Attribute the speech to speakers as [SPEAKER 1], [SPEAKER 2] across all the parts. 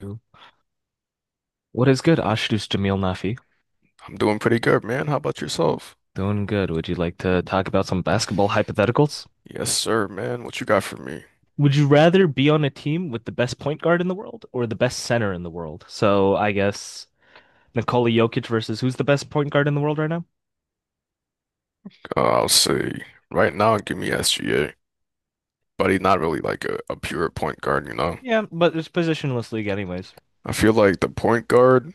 [SPEAKER 1] Cool. What is good, Ashdus Jamil Nafi?
[SPEAKER 2] I'm doing pretty good, man. How about yourself?
[SPEAKER 1] Doing good. Would you like to talk about some basketball hypotheticals?
[SPEAKER 2] Yes, sir, man. What you got for me?
[SPEAKER 1] Would you rather be on a team with the best point guard in the world or the best center in the world? So I guess Nikola Jokic versus who's the best point guard in the world right now?
[SPEAKER 2] I'll say right now, give me SGA, but he's not really like a pure point guard, you know?
[SPEAKER 1] Yeah, but it's positionless league anyways.
[SPEAKER 2] I feel like the point guard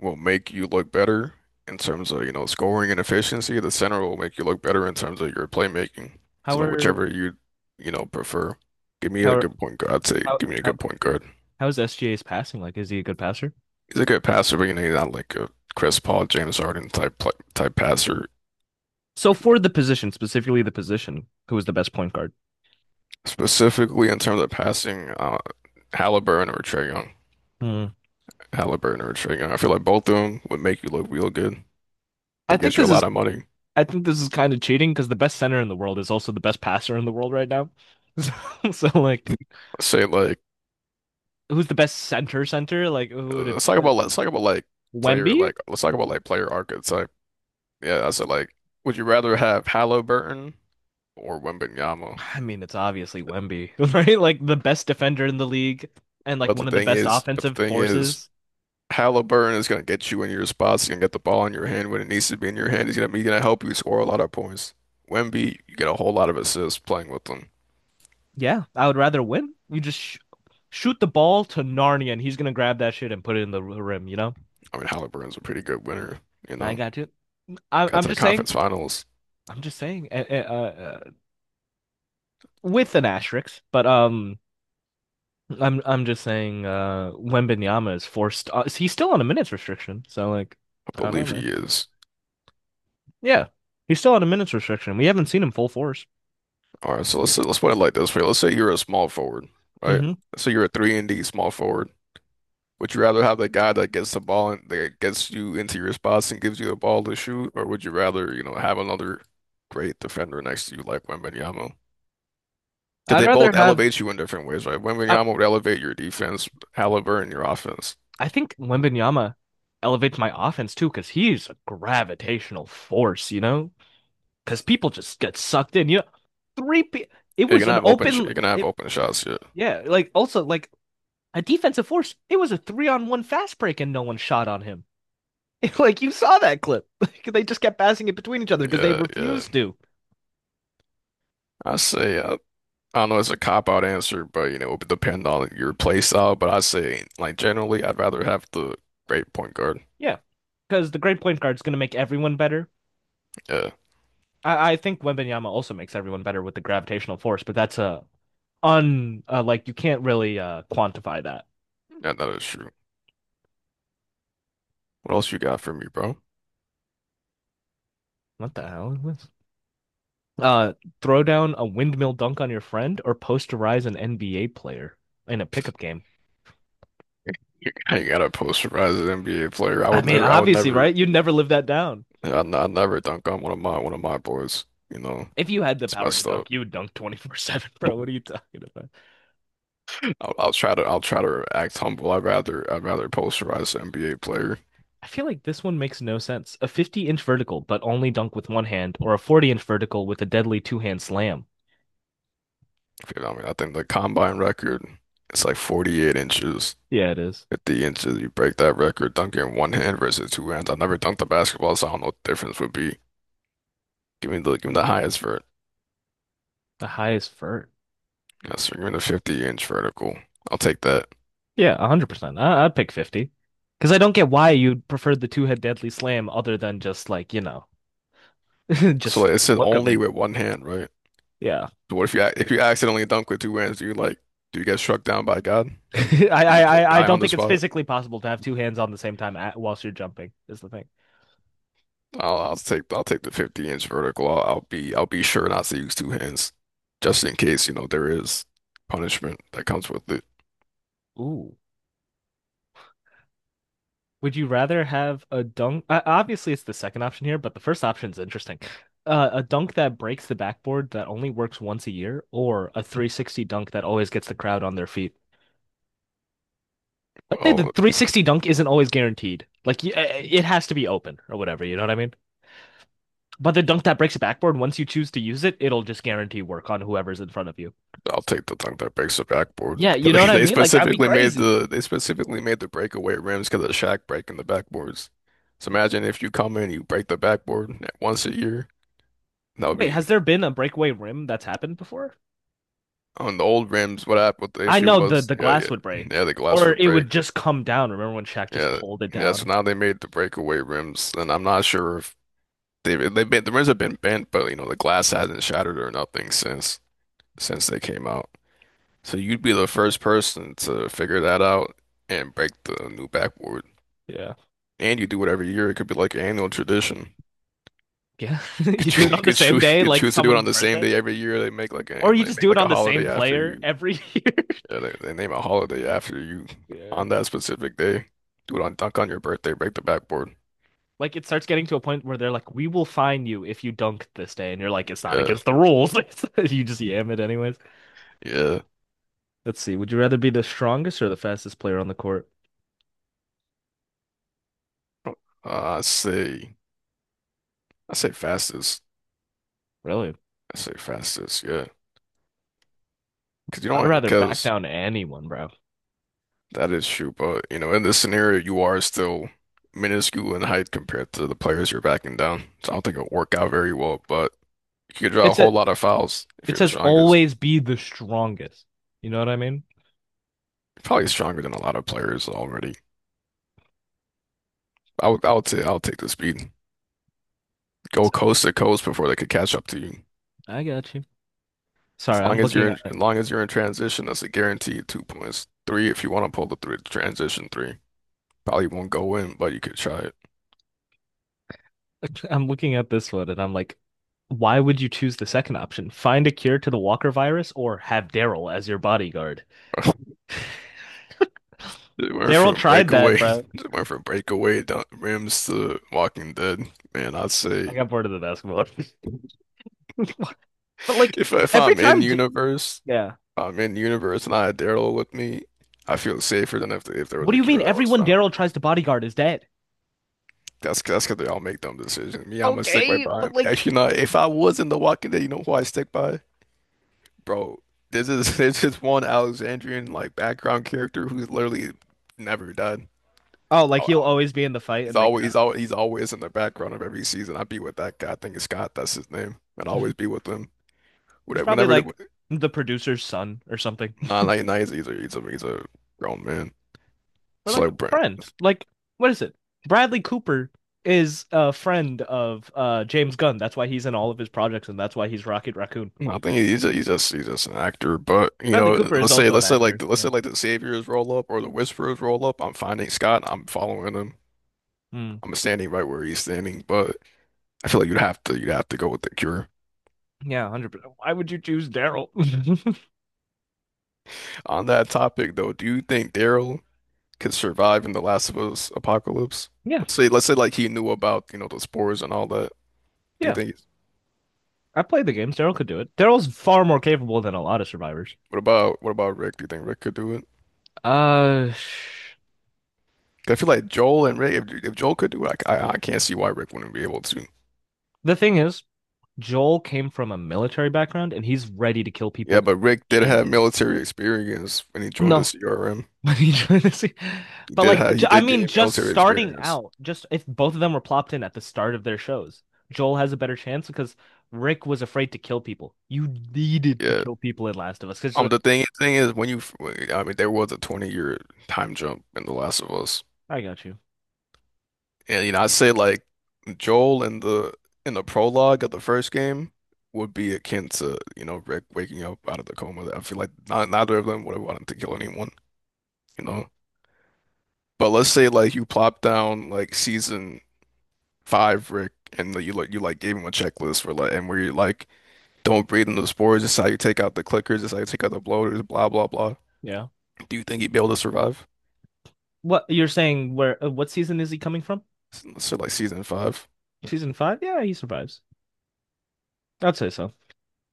[SPEAKER 2] will make you look better in terms of, you know, scoring and efficiency. The center will make you look better in terms of your playmaking.
[SPEAKER 1] How
[SPEAKER 2] So like whichever
[SPEAKER 1] are
[SPEAKER 2] you, you know, prefer. Give me
[SPEAKER 1] how
[SPEAKER 2] a
[SPEAKER 1] are
[SPEAKER 2] good point guard. I'd say
[SPEAKER 1] how
[SPEAKER 2] give me a
[SPEAKER 1] how
[SPEAKER 2] good point guard.
[SPEAKER 1] how is SGA's passing like? Is he a good passer?
[SPEAKER 2] He's a good passer, but you know, he's not like a Chris Paul, James Harden type passer.
[SPEAKER 1] So for the position, specifically the position, who is the best point guard?
[SPEAKER 2] Specifically in terms of passing, Halliburton or Trae Young.
[SPEAKER 1] Hmm.
[SPEAKER 2] Halliburton or Trae Young. I feel like both of them would make you look real good. They
[SPEAKER 1] I think
[SPEAKER 2] get you a
[SPEAKER 1] this
[SPEAKER 2] lot
[SPEAKER 1] is
[SPEAKER 2] of money.
[SPEAKER 1] I think this is kind of cheating because the best center in the world is also the best passer in the world right now. So, so like,
[SPEAKER 2] Say like,
[SPEAKER 1] who's the best center? Like, who would it
[SPEAKER 2] let's
[SPEAKER 1] be?
[SPEAKER 2] talk about let's talk about like player
[SPEAKER 1] Wemby?
[SPEAKER 2] like let's talk about like player archetype. Yeah, I said like, would you rather have Halliburton or Wembanyama?
[SPEAKER 1] I mean, it's obviously Wemby, right? Like the best defender in the league and like
[SPEAKER 2] But the
[SPEAKER 1] one of the
[SPEAKER 2] thing
[SPEAKER 1] best
[SPEAKER 2] is, but the
[SPEAKER 1] offensive
[SPEAKER 2] thing is,
[SPEAKER 1] forces.
[SPEAKER 2] Halliburton is gonna get you in your spots. He's gonna get the ball in your hand when it needs to be in your hand. He's gonna help you score a lot of points. Wemby, you get a whole lot of assists playing with them.
[SPEAKER 1] Yeah, I would rather win. You just sh Shoot the ball to Narnia and he's gonna grab that shit and put it in the rim, you know?
[SPEAKER 2] I mean, Halliburton's a pretty good winner, you
[SPEAKER 1] I
[SPEAKER 2] know.
[SPEAKER 1] got you. I
[SPEAKER 2] Got
[SPEAKER 1] I'm
[SPEAKER 2] to the
[SPEAKER 1] just saying.
[SPEAKER 2] conference finals.
[SPEAKER 1] I'm just saying. With an asterisk, but. I'm just saying, Wembanyama is forced. He's still on a minutes restriction. So like
[SPEAKER 2] I
[SPEAKER 1] I don't know,
[SPEAKER 2] believe
[SPEAKER 1] man.
[SPEAKER 2] he is.
[SPEAKER 1] Yeah. He's still on a minutes restriction. We haven't seen him full force.
[SPEAKER 2] All right, so let's put it like this way. Let's say you're a small forward, right?
[SPEAKER 1] hmm
[SPEAKER 2] So you're a three and D small forward. Would you rather have the guy that gets the ball and that gets you into your spots and gives you the ball to shoot, or would you rather, you know, have another great defender next to you like Wembanyama? Because
[SPEAKER 1] I'd
[SPEAKER 2] they
[SPEAKER 1] rather
[SPEAKER 2] both
[SPEAKER 1] have,
[SPEAKER 2] elevate you in different ways, right?
[SPEAKER 1] I,
[SPEAKER 2] Wembanyama would elevate your defense, Halliburton your offense.
[SPEAKER 1] I think Wembanyama elevates my offense too because he's a gravitational force, you know? Because people just get sucked in. You know, three pe it was an open
[SPEAKER 2] You're gonna have
[SPEAKER 1] it,
[SPEAKER 2] open shots. Yeah,
[SPEAKER 1] yeah, like also like a defensive force. It was a three on one fast break and no one shot on him. Like you saw that clip. They just kept passing it between each other because they
[SPEAKER 2] yeah, yeah.
[SPEAKER 1] refused to.
[SPEAKER 2] I say I, I don't know, it's a cop out answer, but you know, it would depend on your play style. But I say, like generally, I'd rather have the great point guard.
[SPEAKER 1] Yeah, because the great point guard is going to make everyone better.
[SPEAKER 2] Yeah,
[SPEAKER 1] I think Wembanyama also makes everyone better with the gravitational force, but that's a un like you can't really quantify that.
[SPEAKER 2] yeah, that is true. What else you got for me, bro?
[SPEAKER 1] What the hell is this? Uh, Throw down a windmill dunk on your friend or posterize an NBA player in a pickup game.
[SPEAKER 2] You got a posterized NBA player.
[SPEAKER 1] I mean, obviously, right? You'd never live that down.
[SPEAKER 2] I never dunk on one of my boys. You know,
[SPEAKER 1] If you had the
[SPEAKER 2] it's
[SPEAKER 1] power to
[SPEAKER 2] messed up.
[SPEAKER 1] dunk, you would dunk 24/7, bro. What are you talking about?
[SPEAKER 2] I'll try to act humble. I'd rather posterize an NBA player.
[SPEAKER 1] I feel like this one makes no sense. A 50-inch vertical, but only dunk with one hand, or a 40-inch vertical with a deadly two hand slam.
[SPEAKER 2] You know what I mean, I think the combine record, it's like 48 inches.
[SPEAKER 1] Yeah, it is.
[SPEAKER 2] 50 inches, you break that record dunking one hand versus two hands. I've never dunked a basketball, so I don't know what the difference would be. Give me the highest vert.
[SPEAKER 1] The highest vert.
[SPEAKER 2] Yes, sir. Give me the 50-inch vertical. I'll take that.
[SPEAKER 1] Yeah, 100%. I'd pick 50. Because I don't get why you'd prefer the two head deadly slam other than just, like, you know,
[SPEAKER 2] So
[SPEAKER 1] just
[SPEAKER 2] like,
[SPEAKER 1] the
[SPEAKER 2] it said
[SPEAKER 1] look of
[SPEAKER 2] only
[SPEAKER 1] it.
[SPEAKER 2] with one hand, right?
[SPEAKER 1] Yeah.
[SPEAKER 2] So what if you if you accidentally dunk with two hands? Do you like do you get struck down by God? Do you, do you just
[SPEAKER 1] I
[SPEAKER 2] die
[SPEAKER 1] don't
[SPEAKER 2] on the
[SPEAKER 1] think it's
[SPEAKER 2] spot?
[SPEAKER 1] physically possible to have two hands on the same time at, whilst you're jumping is the thing.
[SPEAKER 2] I'll take the 50-inch vertical. I'll be sure not to use two hands, just in case you know there is punishment that comes with it.
[SPEAKER 1] Ooh. Would you rather have a dunk? Obviously, it's the second option here, but the first option's interesting. A dunk that breaks the backboard that only works once a year, or a 360 dunk that always gets the crowd on their feet. I'd say the
[SPEAKER 2] Well,
[SPEAKER 1] 360 dunk isn't always guaranteed. It has to be open or whatever, you know what I mean? But the dunk that breaks the backboard, once you choose to use it, it'll just guarantee work on whoever's in front of you.
[SPEAKER 2] I'll take the dunk that breaks the backboard
[SPEAKER 1] Yeah, you
[SPEAKER 2] because
[SPEAKER 1] know what I
[SPEAKER 2] they
[SPEAKER 1] mean? Like that'd be
[SPEAKER 2] specifically made
[SPEAKER 1] crazy.
[SPEAKER 2] the they specifically made the breakaway rims because of Shaq breaking the backboards. So
[SPEAKER 1] Yeah.
[SPEAKER 2] imagine if you come in, and you break the backboard at once a year. That would
[SPEAKER 1] Wait,
[SPEAKER 2] be
[SPEAKER 1] has there been a breakaway rim that's happened before?
[SPEAKER 2] on the old rims. What happened? What the
[SPEAKER 1] I
[SPEAKER 2] issue
[SPEAKER 1] know the
[SPEAKER 2] was?
[SPEAKER 1] the
[SPEAKER 2] Yeah,
[SPEAKER 1] glass would
[SPEAKER 2] yeah, yeah.
[SPEAKER 1] break
[SPEAKER 2] The glass
[SPEAKER 1] or
[SPEAKER 2] would
[SPEAKER 1] it
[SPEAKER 2] break.
[SPEAKER 1] would just come down. Remember when Shaq just
[SPEAKER 2] Yeah,
[SPEAKER 1] pulled it
[SPEAKER 2] yeah. So
[SPEAKER 1] down?
[SPEAKER 2] now they made the breakaway rims, and I'm not sure if the rims have been bent, but you know the glass hasn't shattered or nothing since they came out. So you'd be the first person to figure that out and break the new backboard.
[SPEAKER 1] Yeah.
[SPEAKER 2] And you do it every year. It could be like an annual tradition.
[SPEAKER 1] Yeah. You
[SPEAKER 2] Could
[SPEAKER 1] do it
[SPEAKER 2] you
[SPEAKER 1] on the
[SPEAKER 2] could
[SPEAKER 1] same
[SPEAKER 2] choose
[SPEAKER 1] day,
[SPEAKER 2] could
[SPEAKER 1] like
[SPEAKER 2] choose to do it on
[SPEAKER 1] someone's
[SPEAKER 2] the same
[SPEAKER 1] birthday?
[SPEAKER 2] day every year.
[SPEAKER 1] Or you
[SPEAKER 2] They
[SPEAKER 1] just
[SPEAKER 2] make
[SPEAKER 1] do it
[SPEAKER 2] like
[SPEAKER 1] on
[SPEAKER 2] a
[SPEAKER 1] the same
[SPEAKER 2] holiday after
[SPEAKER 1] player
[SPEAKER 2] you.
[SPEAKER 1] every year.
[SPEAKER 2] Yeah, they name a holiday after you
[SPEAKER 1] Yeah.
[SPEAKER 2] on that specific day. Do it on dunk on your birthday. Break the backboard.
[SPEAKER 1] Like it starts getting to a point where they're like, "We will fine you if you dunk this day," and you're like, "It's not
[SPEAKER 2] Yeah,
[SPEAKER 1] against the rules." You just yam it anyways.
[SPEAKER 2] yeah.
[SPEAKER 1] Let's see. Would you rather be the strongest or the fastest player on the court?
[SPEAKER 2] Uh, I say I say fastest.
[SPEAKER 1] Really?
[SPEAKER 2] I say fastest. Yeah, because you
[SPEAKER 1] I'd
[SPEAKER 2] don't
[SPEAKER 1] rather back
[SPEAKER 2] because
[SPEAKER 1] down to anyone, bro.
[SPEAKER 2] that is true. But you know, in this scenario, you are still minuscule in height compared to the players you're backing down. So I don't think it'll work out very well. But you could draw a
[SPEAKER 1] It's a.
[SPEAKER 2] whole lot of fouls if
[SPEAKER 1] It
[SPEAKER 2] you're the
[SPEAKER 1] says
[SPEAKER 2] strongest.
[SPEAKER 1] always be the strongest. You know what I mean?
[SPEAKER 2] Probably stronger than a lot of players already. I would say, I'll take the speed. Go
[SPEAKER 1] So,
[SPEAKER 2] coast to coast before they could catch up to you.
[SPEAKER 1] I got you. Sorry, I'm looking
[SPEAKER 2] As
[SPEAKER 1] at.
[SPEAKER 2] long as you're in transition, that's a guaranteed 2 points. Three, if you want to pull the three, transition three, probably won't go in, but you could try it.
[SPEAKER 1] I'm looking at this one, and I'm like, why would you choose the second option? Find a cure to the Walker virus, or have Daryl as your bodyguard?
[SPEAKER 2] It went
[SPEAKER 1] Daryl
[SPEAKER 2] from
[SPEAKER 1] tried that,
[SPEAKER 2] breakaway,
[SPEAKER 1] bro.
[SPEAKER 2] it went from breakaway down rims to Walking Dead. Man, I'd
[SPEAKER 1] I
[SPEAKER 2] say
[SPEAKER 1] got bored of the basketball. But like
[SPEAKER 2] if
[SPEAKER 1] every
[SPEAKER 2] I'm in
[SPEAKER 1] time,
[SPEAKER 2] universe,
[SPEAKER 1] yeah.
[SPEAKER 2] I'm in universe and I had Daryl with me. I feel safer than if there was
[SPEAKER 1] What do
[SPEAKER 2] a
[SPEAKER 1] you mean?
[SPEAKER 2] cure that was
[SPEAKER 1] Everyone
[SPEAKER 2] found.
[SPEAKER 1] Daryl tries to bodyguard is dead.
[SPEAKER 2] That's because they all make dumb decisions. Me, I'm gonna stick right
[SPEAKER 1] Okay,
[SPEAKER 2] by him.
[SPEAKER 1] but like
[SPEAKER 2] Actually, not. If I was in The Walking Dead, you know who I stick by? Bro, this is there's this is one Alexandrian like background character who's literally never died.
[SPEAKER 1] oh, like he'll
[SPEAKER 2] Oh,
[SPEAKER 1] always be in the fight
[SPEAKER 2] He's
[SPEAKER 1] and make it
[SPEAKER 2] always
[SPEAKER 1] up.
[SPEAKER 2] he's always he's always in the background of every season. I'd be with that guy. I think it's Scott. That's his name. I'd always be with him.
[SPEAKER 1] He's probably
[SPEAKER 2] Whenever the,
[SPEAKER 1] like the producer's son or something,
[SPEAKER 2] nah, nah, nah, he's a grown man.
[SPEAKER 1] or
[SPEAKER 2] So
[SPEAKER 1] like a
[SPEAKER 2] like, bro,
[SPEAKER 1] friend. Like what is it? Bradley Cooper is a friend of James Gunn. That's why he's in all of his projects, and that's why he's Rocket Raccoon.
[SPEAKER 2] well, I think he's just an actor, but you
[SPEAKER 1] Bradley
[SPEAKER 2] know,
[SPEAKER 1] Cooper is also an actor.
[SPEAKER 2] let's
[SPEAKER 1] Yeah.
[SPEAKER 2] say like the Saviors roll up or the Whisperers roll up. I'm finding Scott. I'm following him.
[SPEAKER 1] Hmm.
[SPEAKER 2] I'm standing right where he's standing, but I feel like you'd have to go with the Cure.
[SPEAKER 1] Yeah, 100%. Why would you choose Daryl?
[SPEAKER 2] On that topic, though, do you think Daryl could survive in the Last of Us apocalypse?
[SPEAKER 1] Yeah,
[SPEAKER 2] Let's say like he knew about you know the spores and all that. Do you
[SPEAKER 1] yeah.
[SPEAKER 2] think?
[SPEAKER 1] I played the games. Daryl could do it. Daryl's far more capable than a lot of survivors.
[SPEAKER 2] What about Rick? Do you think Rick could do it?
[SPEAKER 1] Uh,
[SPEAKER 2] 'Cause I feel like Joel and Rick. If Joel could do it, I can't see why Rick wouldn't be able to.
[SPEAKER 1] the thing is, Joel came from a military background and he's ready to kill
[SPEAKER 2] Yeah,
[SPEAKER 1] people
[SPEAKER 2] but Rick did have
[SPEAKER 1] immediately.
[SPEAKER 2] military experience when he joined the
[SPEAKER 1] No,
[SPEAKER 2] CRM.
[SPEAKER 1] but like,
[SPEAKER 2] He
[SPEAKER 1] I
[SPEAKER 2] did
[SPEAKER 1] mean,
[SPEAKER 2] gain
[SPEAKER 1] just
[SPEAKER 2] military
[SPEAKER 1] starting
[SPEAKER 2] experience.
[SPEAKER 1] out, just if both of them were plopped in at the start of their shows, Joel has a better chance because Rick was afraid to kill people. You needed to
[SPEAKER 2] Yeah.
[SPEAKER 1] kill people in Last of Us because like,
[SPEAKER 2] The thing is when you, I mean there was a 20-year time jump in The Last of Us.
[SPEAKER 1] I got you.
[SPEAKER 2] And you know, I'd say like Joel in the prologue of the first game would be akin to, you know, Rick waking up out of the coma. I feel like not, neither of them would have wanted to kill anyone, you know. But let's say like you plop down like season five Rick and like, you gave him a checklist for like and where you like, don't breathe in the spores. This is how you take out the clickers. This is how you take out the bloaters. Blah blah blah.
[SPEAKER 1] Yeah.
[SPEAKER 2] Do you think he'd be able to survive?
[SPEAKER 1] What you're saying? Where? What season is he coming from?
[SPEAKER 2] So like season five.
[SPEAKER 1] Season five? Yeah, he survives. I'd say so.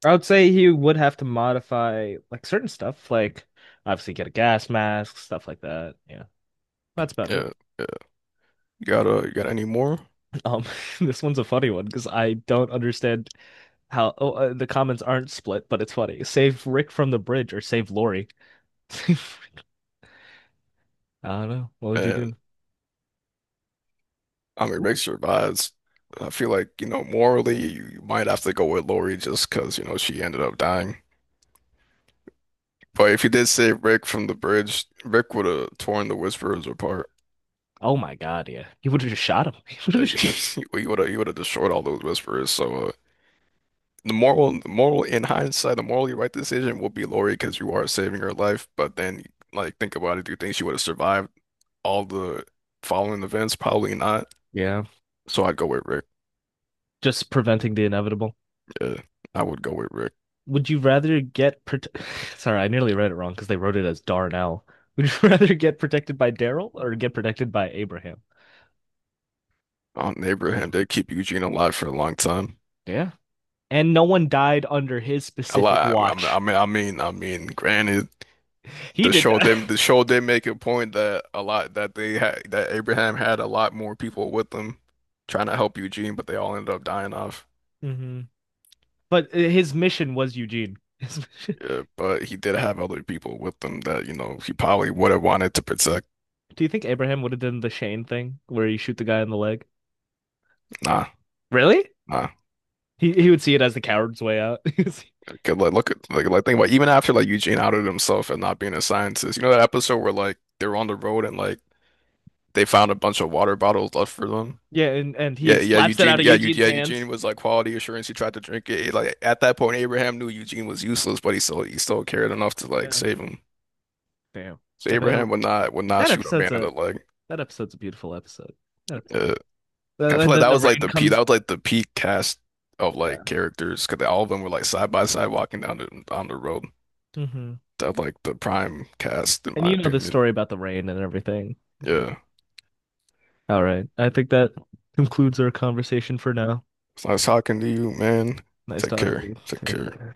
[SPEAKER 1] I would say he would have to modify like certain stuff, like obviously get a gas mask, stuff like that. Yeah, that's about it.
[SPEAKER 2] Yeah, yeah. You got any more?
[SPEAKER 1] Um, this one's a funny one because I don't understand how oh, the comments aren't split, but it's funny. Save Rick from the bridge or save Lori. Save Rick. I don't know. What would you
[SPEAKER 2] And
[SPEAKER 1] do?
[SPEAKER 2] I mean, Rick
[SPEAKER 1] Ooh.
[SPEAKER 2] survives. I feel like you know morally you might have to go with Lori just because you know she ended up dying. But if you did save Rick from the bridge, Rick would have torn the Whisperers apart.
[SPEAKER 1] Oh my God, yeah. He would have just shot him. He would have just...
[SPEAKER 2] He would have destroyed all those Whisperers. So the moral in hindsight, the morally right decision will be Lori because you are saving her life. But then, like, think about it. Do you think she would have survived all the following events? Probably not.
[SPEAKER 1] Yeah,
[SPEAKER 2] So I'd go with Rick.
[SPEAKER 1] just preventing the inevitable.
[SPEAKER 2] Yeah, I would go with Rick.
[SPEAKER 1] Would you rather get prote Sorry, I nearly read it wrong because they wrote it as Darnell. Would you rather get protected by Daryl or get protected by Abraham?
[SPEAKER 2] On Abraham, they keep Eugene alive for a long time.
[SPEAKER 1] Yeah. And no one died under his
[SPEAKER 2] A
[SPEAKER 1] specific
[SPEAKER 2] lot.
[SPEAKER 1] watch.
[SPEAKER 2] Granted,
[SPEAKER 1] He did die.
[SPEAKER 2] the show did make a point that a lot that they had that Abraham had a lot more people with them trying to help Eugene, but they all ended up dying off.
[SPEAKER 1] Mhm. But his mission was Eugene. His mission-
[SPEAKER 2] Yeah, but he did have other people with him that, you know, he probably would have wanted to protect.
[SPEAKER 1] Do you think Abraham would have done the Shane thing where you shoot the guy in the leg?
[SPEAKER 2] Nah,
[SPEAKER 1] Really?
[SPEAKER 2] nah.
[SPEAKER 1] He would see it as the coward's way out.
[SPEAKER 2] 'Cause, like, look at, think about even after, like, Eugene outed himself and not being a scientist. You know that episode where, like, they were on the road and, like, they found a bunch of water bottles left for them?
[SPEAKER 1] Yeah, and he slaps it out of Eugene's
[SPEAKER 2] Yeah,
[SPEAKER 1] hands.
[SPEAKER 2] Eugene was, like, quality assurance. He tried to drink it. Like, at that point, Abraham knew Eugene was useless, but he still cared enough to, like,
[SPEAKER 1] Yeah.
[SPEAKER 2] save him.
[SPEAKER 1] Damn.
[SPEAKER 2] So
[SPEAKER 1] And then
[SPEAKER 2] Abraham would not
[SPEAKER 1] that
[SPEAKER 2] shoot a man
[SPEAKER 1] episode's
[SPEAKER 2] in the
[SPEAKER 1] a
[SPEAKER 2] leg.
[SPEAKER 1] That episode's a beautiful episode. That episode.
[SPEAKER 2] Yeah. I feel
[SPEAKER 1] And
[SPEAKER 2] like
[SPEAKER 1] then
[SPEAKER 2] that
[SPEAKER 1] the
[SPEAKER 2] was like
[SPEAKER 1] rain
[SPEAKER 2] the peak.
[SPEAKER 1] comes.
[SPEAKER 2] That was like the peak cast of
[SPEAKER 1] Yeah.
[SPEAKER 2] like characters because all of them were like side by side walking down the on the road.
[SPEAKER 1] Hmm.
[SPEAKER 2] That was, like the prime cast in
[SPEAKER 1] And
[SPEAKER 2] my
[SPEAKER 1] you know the
[SPEAKER 2] opinion.
[SPEAKER 1] story about the rain and everything. Yeah.
[SPEAKER 2] Yeah.
[SPEAKER 1] All right. I think that concludes our conversation for now.
[SPEAKER 2] So I was talking to you, man.
[SPEAKER 1] Nice
[SPEAKER 2] Take
[SPEAKER 1] talking to you.
[SPEAKER 2] care. Take
[SPEAKER 1] Take
[SPEAKER 2] care.
[SPEAKER 1] care.